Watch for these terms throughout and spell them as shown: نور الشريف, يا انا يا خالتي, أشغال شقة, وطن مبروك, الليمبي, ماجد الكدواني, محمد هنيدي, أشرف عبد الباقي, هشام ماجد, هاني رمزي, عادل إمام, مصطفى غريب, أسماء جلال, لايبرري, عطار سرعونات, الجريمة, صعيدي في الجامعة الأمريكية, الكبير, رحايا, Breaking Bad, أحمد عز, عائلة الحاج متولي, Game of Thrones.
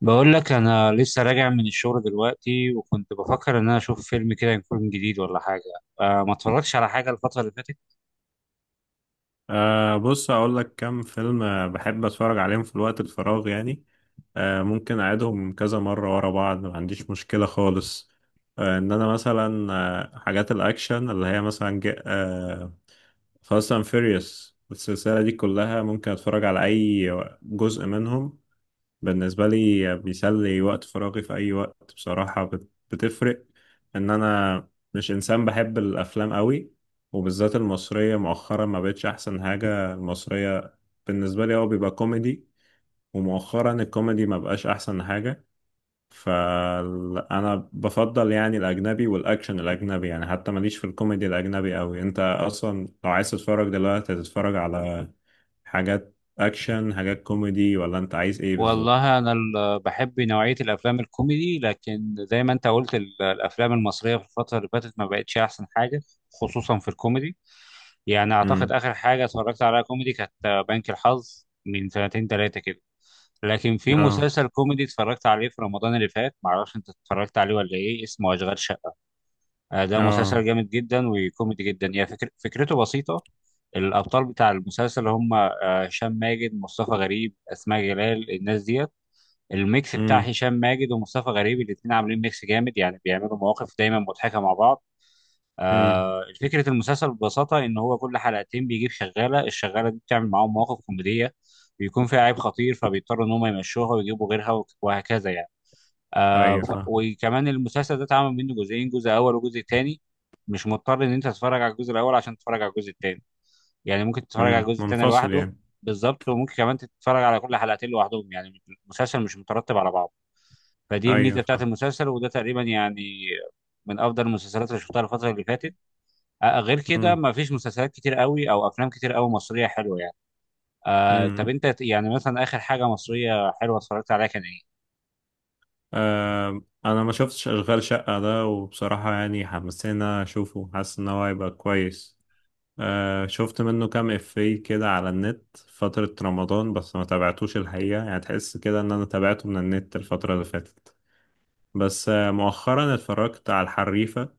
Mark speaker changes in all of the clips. Speaker 1: بقول لك انا لسه راجع من الشغل دلوقتي، وكنت بفكر ان انا اشوف فيلم كده يكون جديد ولا حاجه. ما اتفرجتش على حاجه الفتره اللي فاتت.
Speaker 2: بص هقول لك كام فيلم، بحب اتفرج عليهم في الوقت الفراغ يعني. ممكن اعيدهم كذا مرة ورا بعض، ما عنديش مشكلة خالص. ان انا مثلا، حاجات الاكشن اللي هي مثلا جا- أه فاست اند فيريوس السلسلة دي كلها ممكن اتفرج على اي جزء منهم. بالنسبة لي بيسلي وقت فراغي في أي وقت بصراحة، بتفرق إن أنا مش إنسان بحب الأفلام قوي، وبالذات المصرية. مؤخرا ما بقتش أحسن حاجة، المصرية بالنسبة لي هو بيبقى كوميدي، ومؤخرا الكوميدي ما بقاش أحسن حاجة. فأنا بفضل يعني الأجنبي، والأكشن الأجنبي يعني، حتى ماليش في الكوميدي الأجنبي قوي. أنت أصلا لو عايز تتفرج دلوقتي هتتفرج على حاجات أكشن، حاجات كوميدي، ولا أنت عايز إيه بالظبط؟
Speaker 1: والله انا بحب نوعيه الافلام الكوميدي، لكن زي ما انت قلت الافلام المصريه في الفتره اللي فاتت ما بقتش احسن حاجه، خصوصا في الكوميدي. يعني اعتقد اخر حاجه اتفرجت عليها كوميدي كانت بنك الحظ من سنتين ثلاثه كده. لكن في
Speaker 2: اه.
Speaker 1: مسلسل كوميدي اتفرجت عليه في رمضان اللي فات، معرفش انت اتفرجت عليه ولا ايه، اسمه اشغال شقه. ده
Speaker 2: اه.
Speaker 1: مسلسل جامد جدا وكوميدي جدا. هي فكرته بسيطة. الأبطال بتاع المسلسل هم هشام ماجد، مصطفى غريب، أسماء جلال، الناس ديت. الميكس بتاع
Speaker 2: امم.
Speaker 1: هشام ماجد ومصطفى غريب، الاتنين عاملين ميكس جامد، يعني بيعملوا مواقف دايما مضحكة مع بعض.
Speaker 2: امم.
Speaker 1: فكرة المسلسل ببساطة إن هو كل حلقتين بيجيب شغالة، الشغالة دي بتعمل معاهم مواقف كوميدية، بيكون فيها عيب خطير فبيضطروا إن هم يمشوها ويجيبوا غيرها وهكذا يعني.
Speaker 2: ايوه فاهم.
Speaker 1: وكمان المسلسل ده اتعمل منه جزئين، جزء اول وجزء تاني. مش مضطر ان انت تتفرج على الجزء الاول عشان تتفرج على الجزء التاني، يعني ممكن تتفرج على
Speaker 2: امم،
Speaker 1: الجزء التاني
Speaker 2: منفصل
Speaker 1: لوحده.
Speaker 2: يعني.
Speaker 1: بالظبط، وممكن كمان تتفرج على كل حلقتين لوحدهم، يعني المسلسل مش مترتب على بعضه، فدي
Speaker 2: ايوه
Speaker 1: الميزه بتاعت
Speaker 2: فاهم.
Speaker 1: المسلسل. وده تقريبا يعني من افضل المسلسلات اللي شفتها الفتره اللي فاتت. غير كده
Speaker 2: امم.
Speaker 1: ما فيش مسلسلات كتير قوي او افلام كتير قوي مصريه حلوه يعني. طب
Speaker 2: امم.
Speaker 1: انت يعني مثلا اخر حاجه مصريه حلوه اتفرجت عليها كان ايه؟
Speaker 2: آه انا ما شفتش اشغال شقة ده، وبصراحة يعني حمسنا اشوفه، حاسس ان هو هيبقى كويس. آه شفت منه كام افيه كده على النت فترة رمضان، بس ما تابعتوش الحقيقة، يعني تحس كده ان انا تابعته من النت الفترة اللي فاتت. بس آه مؤخرا اتفرجت على الحريفة،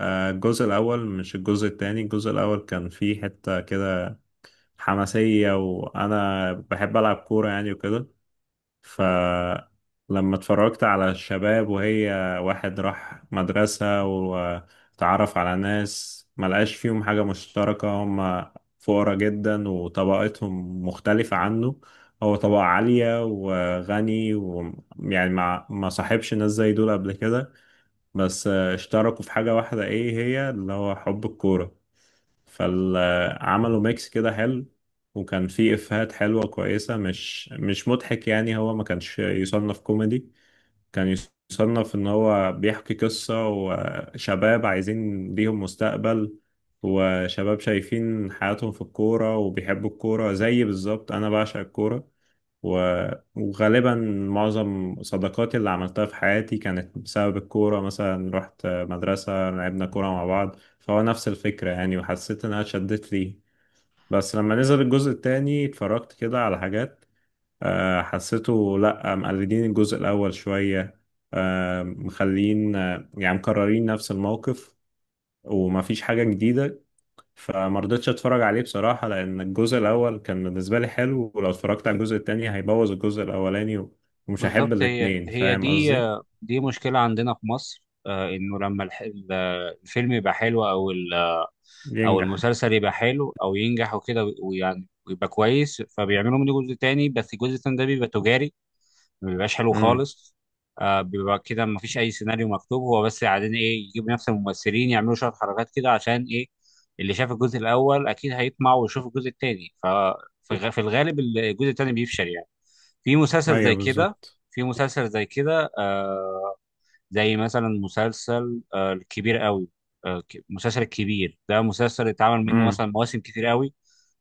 Speaker 2: آه الجزء الاول مش الجزء التاني. الجزء الاول كان فيه حتة كده حماسية، وأنا بحب ألعب كورة يعني وكده. فلما اتفرجت على الشباب، وهي واحد راح مدرسة وتعرف على ناس ملقاش فيهم حاجة مشتركة، هم فقراء جدا وطبقتهم مختلفة عنه، هو طبقة عالية وغني، ويعني ما صاحبش ناس زي دول قبل كده. بس اشتركوا في حاجة واحدة ايه هي اللي هو حب الكورة، فعملوا ميكس كده حلو. وكان فيه إفيهات حلوة كويسة، مش مضحك يعني، هو ما كانش يصنف كوميدي. كان يصنف إن هو بيحكي قصة، وشباب عايزين ليهم مستقبل، وشباب شايفين حياتهم في الكورة وبيحبوا الكورة زي بالظبط أنا بعشق الكورة. وغالبا معظم صداقاتي اللي عملتها في حياتي كانت بسبب الكورة، مثلا رحت مدرسة لعبنا كورة مع بعض، فهو نفس الفكرة يعني، وحسيت إنها شدت لي. بس لما نزل الجزء التاني اتفرجت كده على حاجات، حسيته لأ، مقلدين الجزء الأول شوية، مخلين، يعني مكررين نفس الموقف، ومفيش حاجة جديدة. فما رضيتش اتفرج عليه بصراحة، لان الجزء الاول كان بالنسبة لي حلو، ولو اتفرجت على الجزء التاني هيبوظ الجزء الاولاني، ومش هحب
Speaker 1: بالظبط، هي
Speaker 2: الاتنين،
Speaker 1: هي
Speaker 2: فاهم
Speaker 1: دي.
Speaker 2: قصدي.
Speaker 1: دي مشكلة عندنا في مصر، إنه لما الفيلم يبقى حلو أو
Speaker 2: ينجح.
Speaker 1: المسلسل يبقى حلو أو ينجح وكده، ويعني ويبقى كويس، فبيعملوا منه جزء تاني، بس الجزء التاني ده بيبقى تجاري، ما بيبقاش حلو
Speaker 2: امم.
Speaker 1: خالص. بيبقى كده ما فيش اي سيناريو مكتوب، هو بس قاعدين ايه يجيبوا نفس الممثلين يعملوا شويه حركات كده، عشان ايه؟ اللي شاف الجزء الاول اكيد هيطمع ويشوف الجزء الثاني، ففي الغالب الجزء الثاني بيفشل يعني، في مسلسل زي
Speaker 2: ايوه
Speaker 1: كده.
Speaker 2: بالظبط.
Speaker 1: في مسلسل زي كده آه زي مثلا مسلسل الكبير قوي. مسلسل الكبير ده مسلسل اتعمل منه
Speaker 2: امم.
Speaker 1: مثلا مواسم كتير قوي،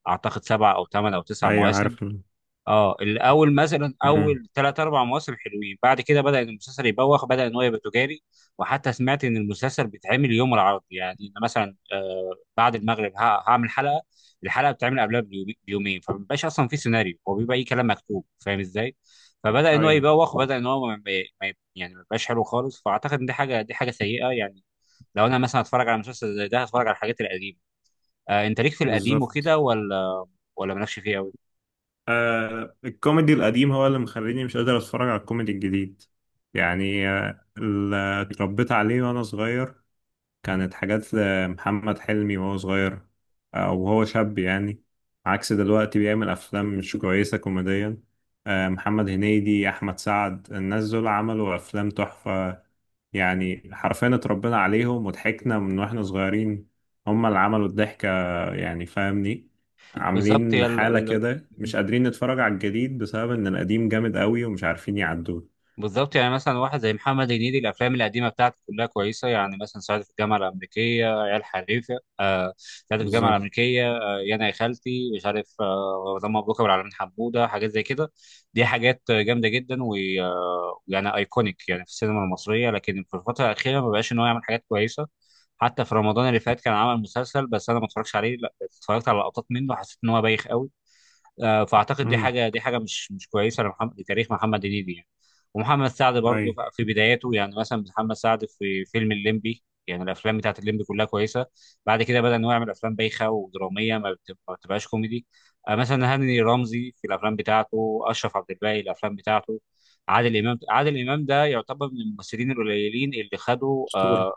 Speaker 1: اعتقد سبع او ثمان او تسع
Speaker 2: ايوه
Speaker 1: مواسم.
Speaker 2: عارف ال-.
Speaker 1: اه الاول مثلا
Speaker 2: امم.
Speaker 1: اول ثلاث اربع مواسم حلوين، بعد كده بدا إن المسلسل يبوخ، بدا ان هو يبقى تجاري. وحتى سمعت ان المسلسل بيتعمل يوم العرض، يعني إن مثلا بعد المغرب هعمل حلقه، الحلقه بتتعمل قبلها بيومين، فمبيبقاش اصلا في سيناريو، هو بيبقى اي كلام مكتوب، فاهم ازاي؟ فبدا ان هو
Speaker 2: ايوه
Speaker 1: يبوخ وبدا ان هو يعني ما يبقاش حلو خالص، فاعتقد ان دي حاجه سيئه يعني. لو انا مثلا هتفرج على مسلسل زي ده هتفرج على الحاجات القديمه. انت ليك في القديم
Speaker 2: بالظبط.
Speaker 1: وكده ولا مالكش فيه قوي؟
Speaker 2: آه الكوميدي القديم هو اللي مخليني مش قادر اتفرج على الكوميدي الجديد. يعني اللي اتربيت عليه وانا صغير كانت حاجات لمحمد حلمي وهو صغير، أو وهو شاب يعني، عكس دلوقتي بيعمل أفلام مش كويسة كوميديا. محمد هنيدي، أحمد سعد، الناس دول عملوا أفلام تحفة، يعني حرفيا اتربينا عليهم وضحكنا من واحنا صغيرين، هما اللي عملوا الضحكة يعني، فاهمني.
Speaker 1: بالظبط هي
Speaker 2: عاملين
Speaker 1: ال-
Speaker 2: حالة
Speaker 1: ال-
Speaker 2: كده مش قادرين نتفرج على الجديد بسبب إن القديم جامد قوي ومش عارفين يعدوه.
Speaker 1: بالظبط يعني مثلا واحد زي محمد هنيدي، الافلام القديمه بتاعته كلها كويسه، يعني مثلا صعيدي في الجامعه الامريكيه، عيال حريفه، صعيدي في الجامعه
Speaker 2: بالظبط.
Speaker 1: الامريكيه، يا انا يا خالتي مش عارف، وطن مبروك، ابو العلمين حموده، حاجات زي كده. دي حاجات جامده جدا، ويعني يعني ايكونيك يعني في السينما المصريه. لكن في الفتره الاخيره ما بقاش ان هو يعمل حاجات كويسه، حتى في رمضان اللي فات كان عمل مسلسل، بس انا ما اتفرجش عليه، لا اتفرجت على لقطات منه، حسيت ان هو بايخ قوي. فاعتقد
Speaker 2: امم.
Speaker 1: دي حاجه مش كويسه لمحمد، لتاريخ محمد هنيدي يعني. ومحمد سعد
Speaker 2: اي.
Speaker 1: برضه في بداياته، يعني مثلا محمد سعد في فيلم الليمبي، يعني الافلام بتاعت الليمبي كلها كويسه. بعد كده بدا انه يعمل افلام بايخه ودراميه، ما بتبقاش كوميدي. مثلا هاني رمزي في الافلام بتاعته، اشرف عبد الباقي الافلام بتاعته، عادل امام ده يعتبر من الممثلين القليلين اللي خدوا
Speaker 2: اسطوره.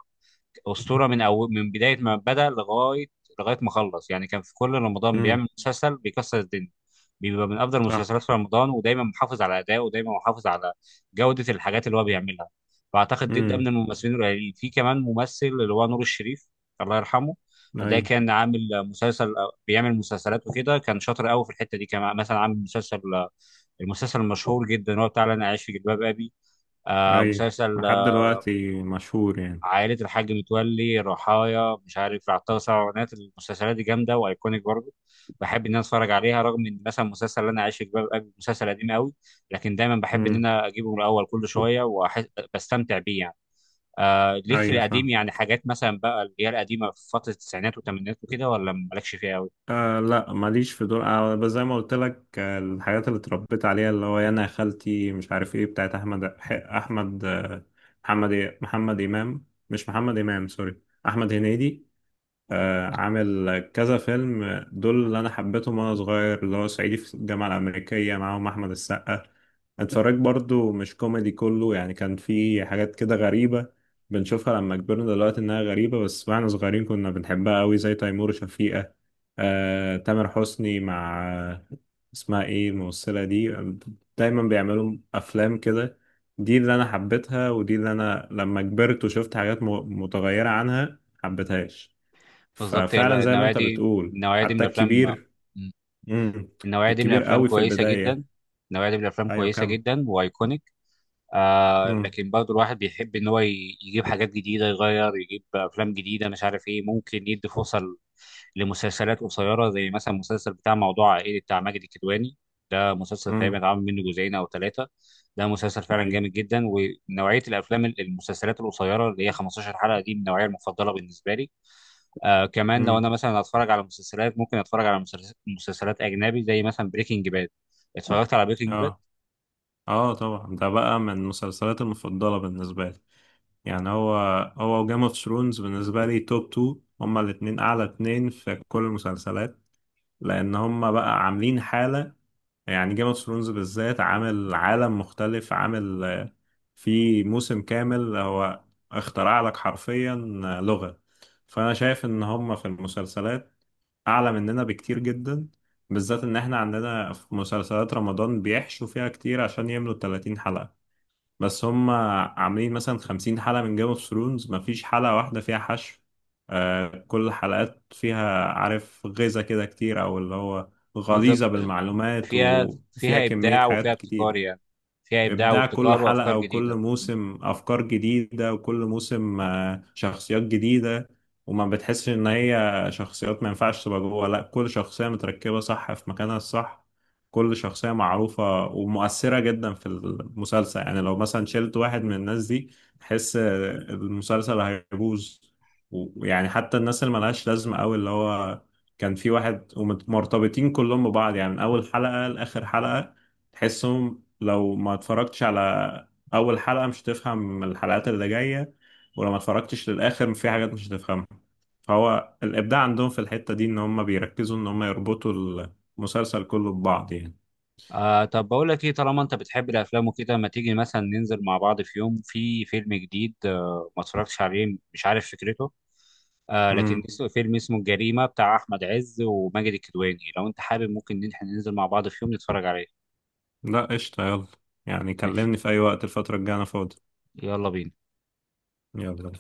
Speaker 1: اسطوره، من بدايه ما بدا لغايه ما خلص، يعني كان في كل رمضان
Speaker 2: امم.
Speaker 1: بيعمل مسلسل بيكسر الدنيا، بيبقى من افضل
Speaker 2: صح.
Speaker 1: المسلسلات في رمضان، ودايما محافظ على ادائه، ودايما محافظ على جوده الحاجات اللي هو بيعملها. فاعتقد ده من
Speaker 2: امم.
Speaker 1: الممثلين القليلين. في كمان ممثل اللي هو نور الشريف، الله يرحمه.
Speaker 2: اي.
Speaker 1: ده كان عامل مسلسل، بيعمل مسلسلات وكده، كان شاطر قوي في الحته دي. كان مثلا عامل مسلسل، المسلسل المشهور جدا هو بتاع انا عايش في جلباب ابي،
Speaker 2: اي،
Speaker 1: مسلسل
Speaker 2: لحد دلوقتي مشهور يعني.
Speaker 1: عائلة الحاج متولي، رحايا، مش عارف، عطار سرعونات، المسلسلات دي جامدة وأيكونيك برضه. بحب إن أنا أتفرج عليها، رغم إن مثلا مسلسل اللي أنا عايش في جلباب أبي مسلسل قديم قوي، لكن دايما بحب إن
Speaker 2: امم.
Speaker 1: أنا أجيبه من الأول كل شوية وبستمتع بيه يعني. ليك في
Speaker 2: ايوه
Speaker 1: القديم
Speaker 2: فاهم.
Speaker 1: يعني حاجات مثلا بقى اللي هي القديمة في فترة التسعينات والثمانينات وكده، ولا مالكش فيها قوي؟
Speaker 2: آه لا ماليش في دول، آه بس زي ما قلت لك آه الحاجات اللي اتربيت عليها اللي هو انا يا خالتي مش عارف ايه بتاعت احمد، احمد آه محمد إيه؟ محمد امام، مش محمد امام، سوري، احمد هنيدي. عامل كذا فيلم، دول اللي انا حبيتهم وانا صغير اللي هو صعيدي في الجامعه الامريكيه، معاهم احمد السقا. اتفرجت برضو، مش كوميدي كله يعني، كان في حاجات كده غريبه، بنشوفها لما كبرنا دلوقتي انها غريبه، بس واحنا صغيرين كنا بنحبها قوي، زي تيمور وشفيقه. تامر حسني مع اسمها ايه الممثله دي، دايما بيعملوا افلام كده. دي اللي انا حبيتها، ودي اللي انا لما كبرت وشفت حاجات متغيره عنها حبيتهاش.
Speaker 1: بالظبط، هي
Speaker 2: ففعلا زي ما
Speaker 1: النوعية
Speaker 2: انت
Speaker 1: دي،
Speaker 2: بتقول
Speaker 1: النوعية دي من
Speaker 2: حتى
Speaker 1: الأفلام،
Speaker 2: الكبير. امم.
Speaker 1: النوعية دي من
Speaker 2: الكبير
Speaker 1: الأفلام
Speaker 2: قوي في
Speaker 1: كويسة جدا،
Speaker 2: البداية.
Speaker 1: النوعية دي من الأفلام
Speaker 2: ايوه
Speaker 1: كويسة
Speaker 2: كم.
Speaker 1: جدا وأيكونيك.
Speaker 2: امم.
Speaker 1: لكن برضو الواحد بيحب ان هو يجيب حاجات جديده، يغير، يجيب افلام جديده، مش عارف ايه، ممكن يدي فرصه لمسلسلات قصيره، زي مثلا المسلسل بتاع موضوع عائلي بتاع ماجد الكدواني. ده مسلسل تقريبا
Speaker 2: امم.
Speaker 1: اتعمل منه جزئين او ثلاثه، ده مسلسل فعلا
Speaker 2: اي.
Speaker 1: جامد جدا. ونوعيه المسلسلات القصيره اللي هي 15 حلقه دي من النوعيه المفضله بالنسبه لي. كمان لو
Speaker 2: امم.
Speaker 1: انا مثلا هتفرج على مسلسلات ممكن اتفرج على مسلسلات اجنبي، زي مثلا بريكنج باد. اتفرجت على بريكنج باد.
Speaker 2: اه. اه طبعا ده بقى من المسلسلات المفضلة بالنسبة لي، يعني هو وجيم اوف ثرونز بالنسبة لي توب تو، هما الاتنين اعلى اتنين في كل المسلسلات، لان هما بقى عاملين حالة. يعني جيم اوف ثرونز بالذات عامل عالم مختلف، عامل في موسم كامل هو اخترع لك حرفيا لغة. فأنا شايف إن هم في المسلسلات أعلى مننا بكتير جدا، بالذات إن إحنا عندنا في مسلسلات رمضان بيحشوا فيها كتير عشان يملوا 30 حلقة، بس هم عاملين مثلا 50 حلقة من جيم اوف ثرونز مفيش حلقة واحدة فيها حشو. آه كل الحلقات فيها عارف غذاء كده كتير، أو اللي هو
Speaker 1: بالظبط،
Speaker 2: غليظة بالمعلومات
Speaker 1: فيها
Speaker 2: وفيها
Speaker 1: فيها
Speaker 2: كمية
Speaker 1: إبداع وفيها
Speaker 2: حاجات
Speaker 1: ابتكار
Speaker 2: كتير.
Speaker 1: يعني، فيها إبداع
Speaker 2: إبداع كل
Speaker 1: وابتكار
Speaker 2: حلقة،
Speaker 1: وأفكار
Speaker 2: وكل
Speaker 1: جديدة.
Speaker 2: موسم أفكار جديدة، وكل موسم شخصيات جديدة، وما بتحسش إن هي شخصيات ما ينفعش تبقى جوه، لأ كل شخصية متركبة صح في مكانها الصح، كل شخصية معروفة ومؤثرة جدا في المسلسل، يعني لو مثلا شلت واحد من الناس دي تحس المسلسل هيبوظ. ويعني حتى الناس اللي ملهاش لازمة أوي اللي هو كان في واحد، ومرتبطين كلهم ببعض، يعني من أول حلقة لآخر حلقة تحسهم، لو ما اتفرجتش على اول حلقة مش هتفهم الحلقات اللي جاية، ولو ما اتفرجتش للاخر في حاجات مش هتفهمها. فهو الابداع عندهم في الحتة دي ان هم بيركزوا ان هم يربطوا المسلسل كله ببعض يعني.
Speaker 1: طب بقول لك إيه، طالما أنت بتحب الأفلام وكده، ما تيجي مثلا ننزل مع بعض في يوم في فيلم جديد ما اتفرجتش عليه، مش عارف فكرته، لكن
Speaker 2: امم.
Speaker 1: اسمه الجريمة، بتاع أحمد عز وماجد الكدواني. لو أنت حابب ممكن إن إحنا ننزل مع بعض في يوم نتفرج عليه.
Speaker 2: لا قشطة، يلا. يعني
Speaker 1: ماشي،
Speaker 2: كلمني في اي وقت الفترة الجاية انا فاضي.
Speaker 1: يلا بينا.
Speaker 2: يلا.